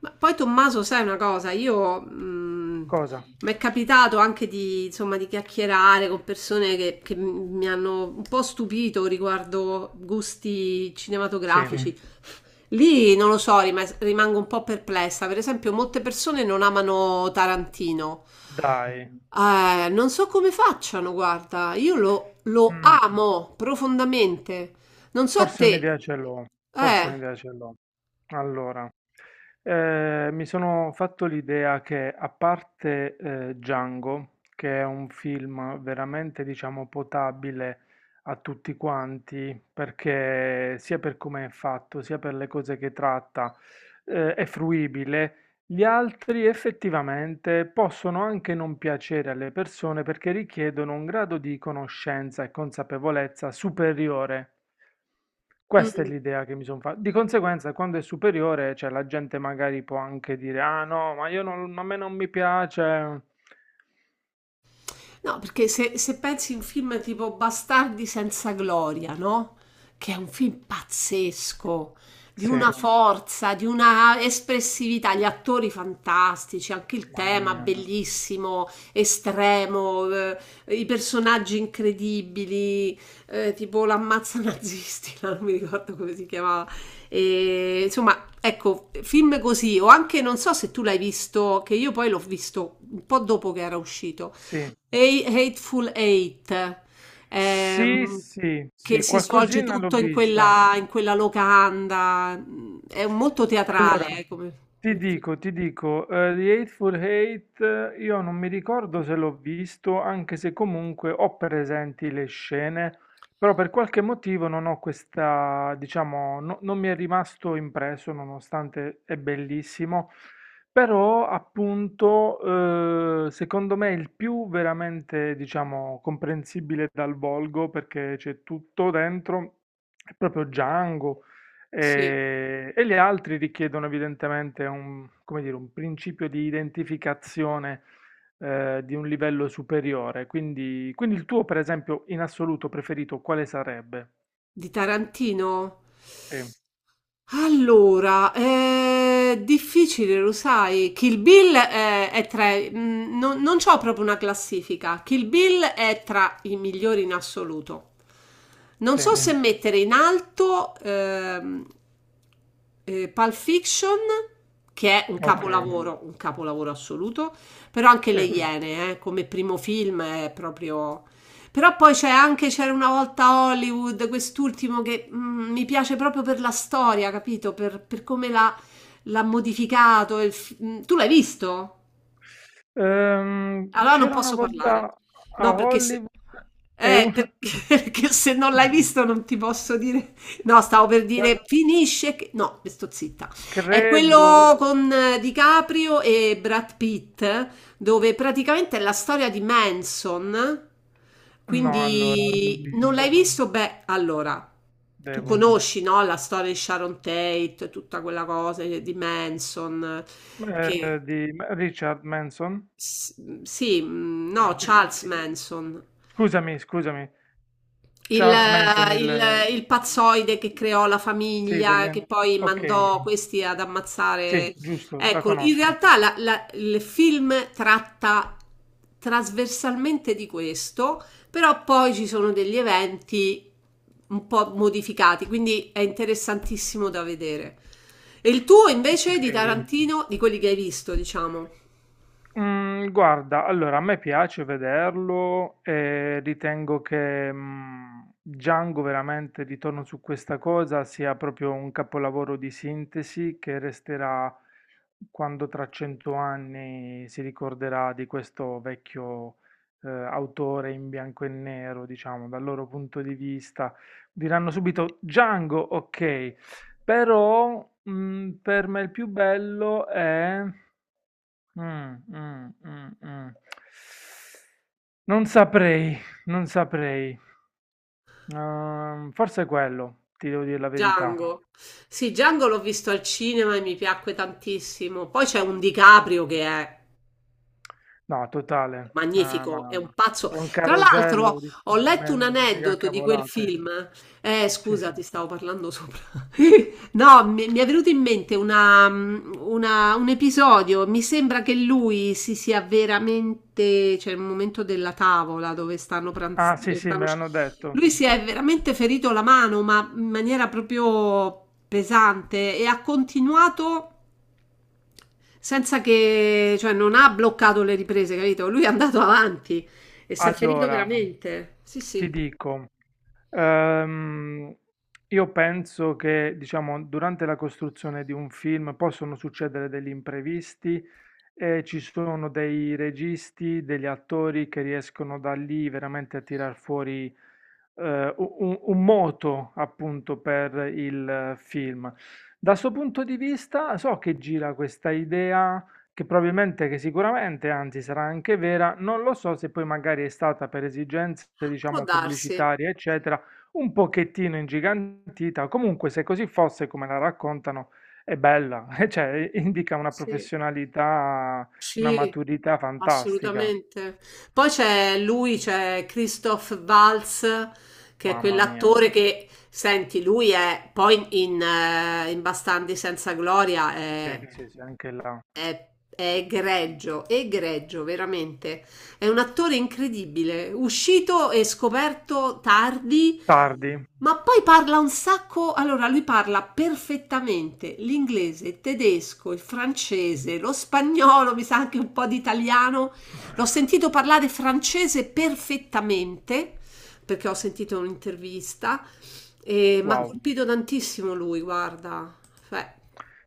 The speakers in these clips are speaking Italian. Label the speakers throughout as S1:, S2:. S1: Ma poi Tommaso, sai una cosa, io
S2: Cosa?
S1: mi è capitato anche di, insomma, di chiacchierare con persone che mi hanno un po' stupito riguardo gusti sì,
S2: Sì,
S1: cinematografici. Lì non lo so, rimango un po' perplessa. Per esempio, molte persone non amano Tarantino.
S2: dai.
S1: Non so come facciano, guarda, io lo
S2: Mh,
S1: amo profondamente. Non so
S2: forse
S1: te.
S2: un'idea ce l'ho, forse
S1: Eh.
S2: un'idea ce l'ho. Allora, mi sono fatto l'idea che a parte, Django, che è un film veramente, diciamo, potabile a tutti quanti, perché sia per come è fatto, sia per le cose che tratta, è fruibile, gli altri effettivamente possono anche non piacere alle persone perché richiedono un grado di conoscenza e consapevolezza superiore. Questa è
S1: Mm.
S2: l'idea che mi sono fatta. Di conseguenza, quando è superiore, cioè, la gente magari può anche dire: Ah no, ma io non, a me non mi piace.
S1: No, perché se pensi a un film tipo Bastardi senza gloria, no? Che è un film pazzesco, di una
S2: Sì,
S1: forza, di una espressività, gli attori fantastici, anche il
S2: mamma
S1: tema
S2: mia.
S1: bellissimo, estremo, i personaggi incredibili, tipo l'ammazza nazisti, no? Non mi ricordo come si chiamava. E, insomma, ecco, film così, o anche non so se tu l'hai visto, che io poi l'ho visto un po' dopo che era uscito.
S2: Sì,
S1: Hateful Eight,
S2: sì,
S1: ehm,
S2: sì,
S1: che
S2: sì,
S1: si svolge
S2: qualcosina l'ho
S1: tutto in
S2: vista.
S1: quella locanda, mm, è molto
S2: Allora,
S1: teatrale, come,
S2: ti
S1: come film.
S2: dico, ti dico, The Hateful Eight, io non mi ricordo se l'ho visto, anche se comunque ho presenti le scene, però per qualche motivo non ho questa, diciamo, non mi è rimasto impresso, nonostante è bellissimo, però appunto, secondo me è il più veramente, diciamo, comprensibile dal volgo, perché c'è tutto dentro, è proprio Django.
S1: Sì,
S2: E gli altri richiedono evidentemente un, come dire, un principio di identificazione, di un livello superiore. Quindi, quindi il tuo, per esempio, in assoluto preferito, quale sarebbe?
S1: di Tarantino?
S2: Sì,
S1: Allora, è difficile, lo sai. Kill Bill è tra... mm, non c'ho proprio una classifica. Kill Bill è tra i migliori in assoluto. Non
S2: sì,
S1: so, sì, se, ok, mettere in alto Pulp Fiction, che è un, ok,
S2: ok,
S1: capolavoro, un capolavoro assoluto, però anche Le,
S2: sì.
S1: mm, Iene, come primo film, è proprio... Però poi c'è anche C'era una volta Hollywood, quest'ultimo che mm, mi piace proprio per la storia, capito? Per come l'ha, l'ha modificato. Tu l'hai visto? Allora non
S2: C'era una
S1: posso parlare.
S2: volta a
S1: No, perché se,
S2: Hollywood e
S1: eh, per-
S2: una...
S1: perché se non l'hai visto non ti posso dire. No, stavo per
S2: Guarda,
S1: dire finisce che... No, sto zitta. È
S2: credo...
S1: quello con DiCaprio e Brad Pitt, dove praticamente è la storia di Manson.
S2: No, allora, non l'ho
S1: Quindi non l'hai
S2: visto.
S1: visto? Beh, allora, tu
S2: Devo.
S1: conosci, no, la storia di Sharon Tate, tutta quella cosa di Manson che...
S2: Di Richard Manson.
S1: S- sì, mm,
S2: Ah,
S1: no,
S2: ok, il
S1: Charles
S2: che
S1: Manson,
S2: scusami, scusami,
S1: il,
S2: Charles Manson il
S1: il pazzoide che creò la
S2: sì, degli
S1: famiglia,
S2: an
S1: che poi
S2: okay,
S1: mandò questi ad
S2: sì,
S1: ammazzare.
S2: giusto, la
S1: Ecco, in
S2: conosco.
S1: realtà il film tratta trasversalmente di questo, però poi ci sono degli eventi un po' modificati, quindi è interessantissimo da vedere. E il tuo invece di
S2: Okay.
S1: Tarantino, di quelli che hai visto, diciamo.
S2: Guarda, allora a me piace vederlo e ritengo che Django veramente, ritorno su questa cosa, sia proprio un capolavoro di sintesi che resterà quando tra 100 anni si ricorderà di questo vecchio, autore in bianco e nero, diciamo, dal loro punto di vista. Diranno subito Django, ok, però per me il più bello è... mh. Non saprei, non saprei. Forse è quello, ti devo dire la verità.
S1: Django. Sì, Django l'ho visto al cinema e mi piacque tantissimo. Poi c'è un DiCaprio che è
S2: No, totale. Ah,
S1: magnifico, è un
S2: ma
S1: pazzo.
S2: è un
S1: Tra l'altro,
S2: carosello di
S1: ho
S2: di
S1: letto
S2: me
S1: un
S2: di mega
S1: aneddoto di quel
S2: cavolate.
S1: film.
S2: Sì,
S1: Scusa,
S2: sì.
S1: ti stavo parlando sopra. No, mi è venuto in mente un episodio. Mi sembra che lui si sia veramente, cioè il momento della tavola dove stanno
S2: Ah,
S1: pranzando,
S2: sì, sì, me l'hanno detto.
S1: lui si è veramente ferito la mano, ma in maniera proprio pesante e ha continuato senza che, cioè non ha bloccato le riprese, capito? Lui è andato avanti e si è ferito
S2: Allora,
S1: veramente. Sì,
S2: ti
S1: sì,
S2: dico, Ehm, io penso che, diciamo, durante la costruzione di un film possono succedere degli imprevisti e ci sono dei registi, degli attori che riescono da lì veramente a tirar fuori, un moto appunto per il film. Da questo punto di vista, so che gira questa idea che probabilmente, che sicuramente, anzi sarà anche vera, non lo so se poi magari è stata per esigenze,
S1: può
S2: diciamo,
S1: darsi.
S2: pubblicitarie, eccetera, un pochettino ingigantita, comunque se così fosse come la raccontano, è bella, cioè indica una
S1: Sì.
S2: professionalità, una
S1: Sì,
S2: maturità fantastica,
S1: assolutamente. Poi c'è lui, c'è Christoph Waltz, che è
S2: mamma mia,
S1: quell'attore che, senti, lui è poi in, in Bastardi senza gloria,
S2: sì,
S1: è,
S2: sì, sì, anche là.
S1: è, è egregio, egregio, veramente. È un attore incredibile, uscito e scoperto tardi.
S2: Tardi,
S1: Ma poi parla un sacco, allora lui parla perfettamente l'inglese, il tedesco, il francese, lo spagnolo, mi sa anche un po' di italiano. L'ho sentito parlare francese perfettamente perché ho sentito un'intervista e mi ha
S2: wow.
S1: colpito tantissimo lui, guarda. Cioè,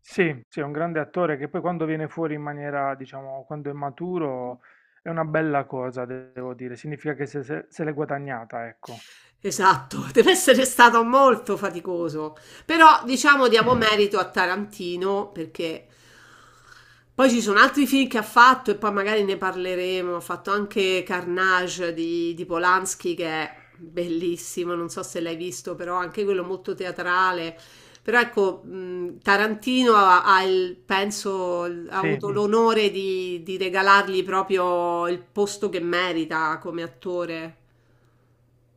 S2: Sì, sì, è un grande attore che poi quando viene fuori in maniera, diciamo, quando è maturo, è una bella cosa, devo dire, significa che se, se se l'è guadagnata, ecco.
S1: esatto, deve essere stato molto faticoso. Però diciamo diamo merito a Tarantino perché poi ci sono altri film che ha fatto e poi magari ne parleremo. Ha fatto anche Carnage di Polanski che è bellissimo, non so se l'hai visto, però anche quello molto teatrale. Però ecco, Tarantino ha penso, ha
S2: Sì,
S1: avuto l'onore di regalargli proprio il posto che merita come attore.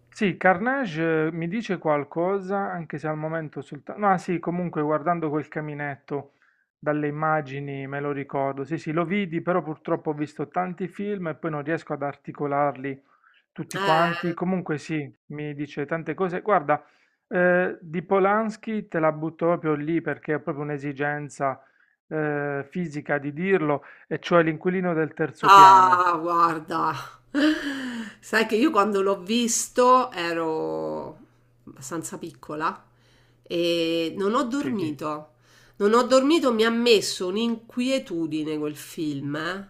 S2: sì, Carnage, mi dice qualcosa, anche se al momento soltanto... No, ah, sì, comunque guardando quel caminetto dalle immagini me lo ricordo. Sì, sì, lo vidi, però purtroppo ho visto tanti film e poi non riesco ad articolarli tutti quanti.
S1: Eh,
S2: Comunque sì, mi dice tante cose. Guarda, di Polanski te la butto proprio lì perché è proprio un'esigenza, fisica di dirlo, e cioè l'inquilino del terzo piano.
S1: Ah, guarda, sai che io quando l'ho visto ero abbastanza piccola e non ho, sì,
S2: Sì,
S1: dormito. Non ho dormito, mi ha messo un'inquietudine quel film, eh.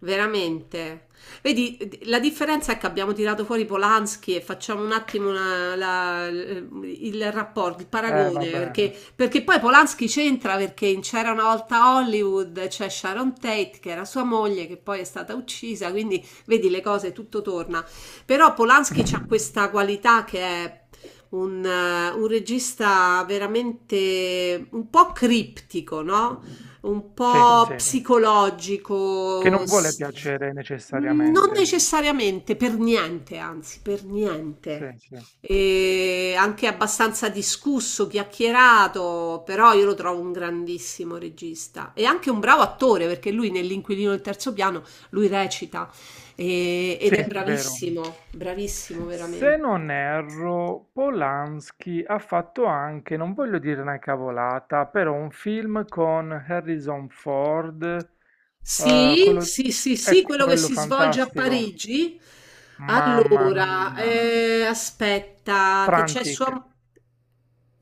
S1: Veramente. Vedi, la differenza è che abbiamo tirato fuori Polanski e facciamo un attimo il rapporto, il paragone,
S2: vabbè.
S1: perché poi Polanski c'entra perché in C'era una volta Hollywood c'è Sharon Tate che era sua moglie che poi è stata uccisa, quindi vedi le cose, tutto torna. Però Polanski ha questa qualità che è un regista veramente un po' criptico, no? Un
S2: Sì,
S1: po'
S2: sì. Che non
S1: psicologico.
S2: vuole piacere
S1: Mm, non
S2: necessariamente.
S1: necessariamente, per niente, anzi, per
S2: Sì,
S1: niente
S2: sì.
S1: e anche abbastanza discusso, chiacchierato, però io lo trovo un grandissimo regista e anche un bravo attore perché lui nell'Inquilino del terzo piano lui recita ed
S2: Sì,
S1: è
S2: vero.
S1: bravissimo, bravissimo
S2: Se
S1: veramente.
S2: non erro, Polanski ha fatto anche, non voglio dire una cavolata, però un film con Harrison Ford,
S1: Sì,
S2: quello,
S1: sì, sì,
S2: è
S1: sì, quello che
S2: quello
S1: si svolge a
S2: fantastico.
S1: Parigi.
S2: Mamma
S1: Allora,
S2: mia.
S1: aspetta, che c'è sua...
S2: Frantic,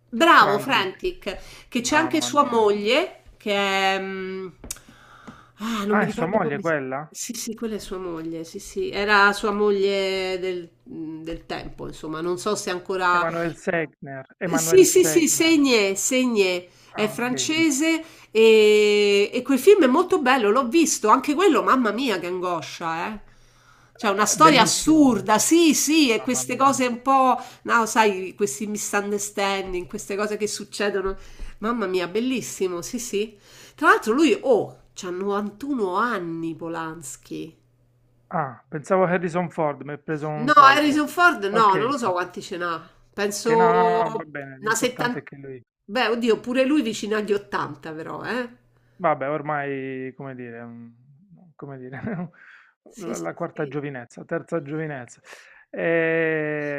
S1: Bravo,
S2: Frantic.
S1: Frantic, che c'è anche
S2: Mamma
S1: sua
S2: mia.
S1: moglie, che è... mm, ah, non mi
S2: Ah, è sua
S1: ricordo
S2: moglie
S1: come...
S2: quella?
S1: sì, sì, quella è sua moglie, sì, sì, era sua moglie del, mm, del tempo, insomma, non so se ancora...
S2: Emanuel Segner.
S1: Sì,
S2: Emanuel
S1: sì, sì,
S2: Segner.
S1: Seigné, Seigné, è
S2: Ah, ok.
S1: francese e quel film è molto bello, l'ho visto, anche quello, mamma mia, che angoscia, eh. Cioè, una storia
S2: Bellissimo.
S1: assurda, sì, sì, e
S2: Mamma
S1: queste
S2: mia.
S1: cose un po', no, sai, questi misunderstanding, queste cose che succedono, mamma mia, bellissimo, sì, sì. Tra l'altro lui, oh, c'ha 91 anni Polanski.
S2: Ah, pensavo Harrison Ford, mi ha preso
S1: No,
S2: un colpo.
S1: Harrison Ford
S2: Ok,
S1: no, non lo so quanti ce n'ha.
S2: ok, no,
S1: Penso
S2: no, no, va bene,
S1: una
S2: l'importante è
S1: settantina.
S2: che lui...
S1: Beh, oddio, pure lui vicino agli 80, però, eh.
S2: Vabbè, ormai, come dire, come dire,
S1: Sì,
S2: la,
S1: sì,
S2: la quarta
S1: sì.
S2: giovinezza, terza giovinezza.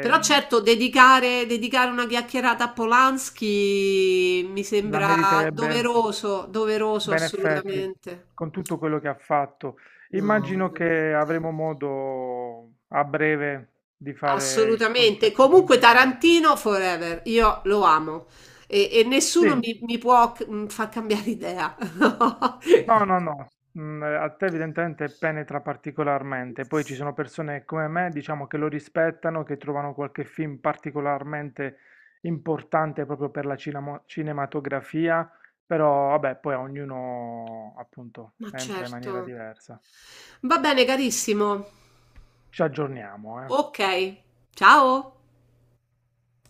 S1: Però certo, dedicare, dedicare una chiacchierata a Polanski mi
S2: la
S1: sembra
S2: meriterebbe...
S1: doveroso, doveroso
S2: Ben effetti,
S1: assolutamente.
S2: con tutto quello che ha fatto.
S1: No,
S2: Immagino
S1: veramente.
S2: che avremo modo a breve di fare qualche
S1: Assolutamente. Comunque
S2: approfondimento.
S1: Tarantino forever, io lo amo e nessuno
S2: Sì,
S1: mi può mm, far cambiare idea.
S2: no, no, no, a te evidentemente penetra particolarmente, poi ci sono persone come me, diciamo, che lo rispettano, che trovano qualche film particolarmente importante proprio per la cinematografia, però vabbè, poi a ognuno appunto
S1: Ma
S2: entra in maniera
S1: certo.
S2: diversa.
S1: Va bene, carissimo.
S2: Ci aggiorniamo, eh.
S1: Ok, ciao.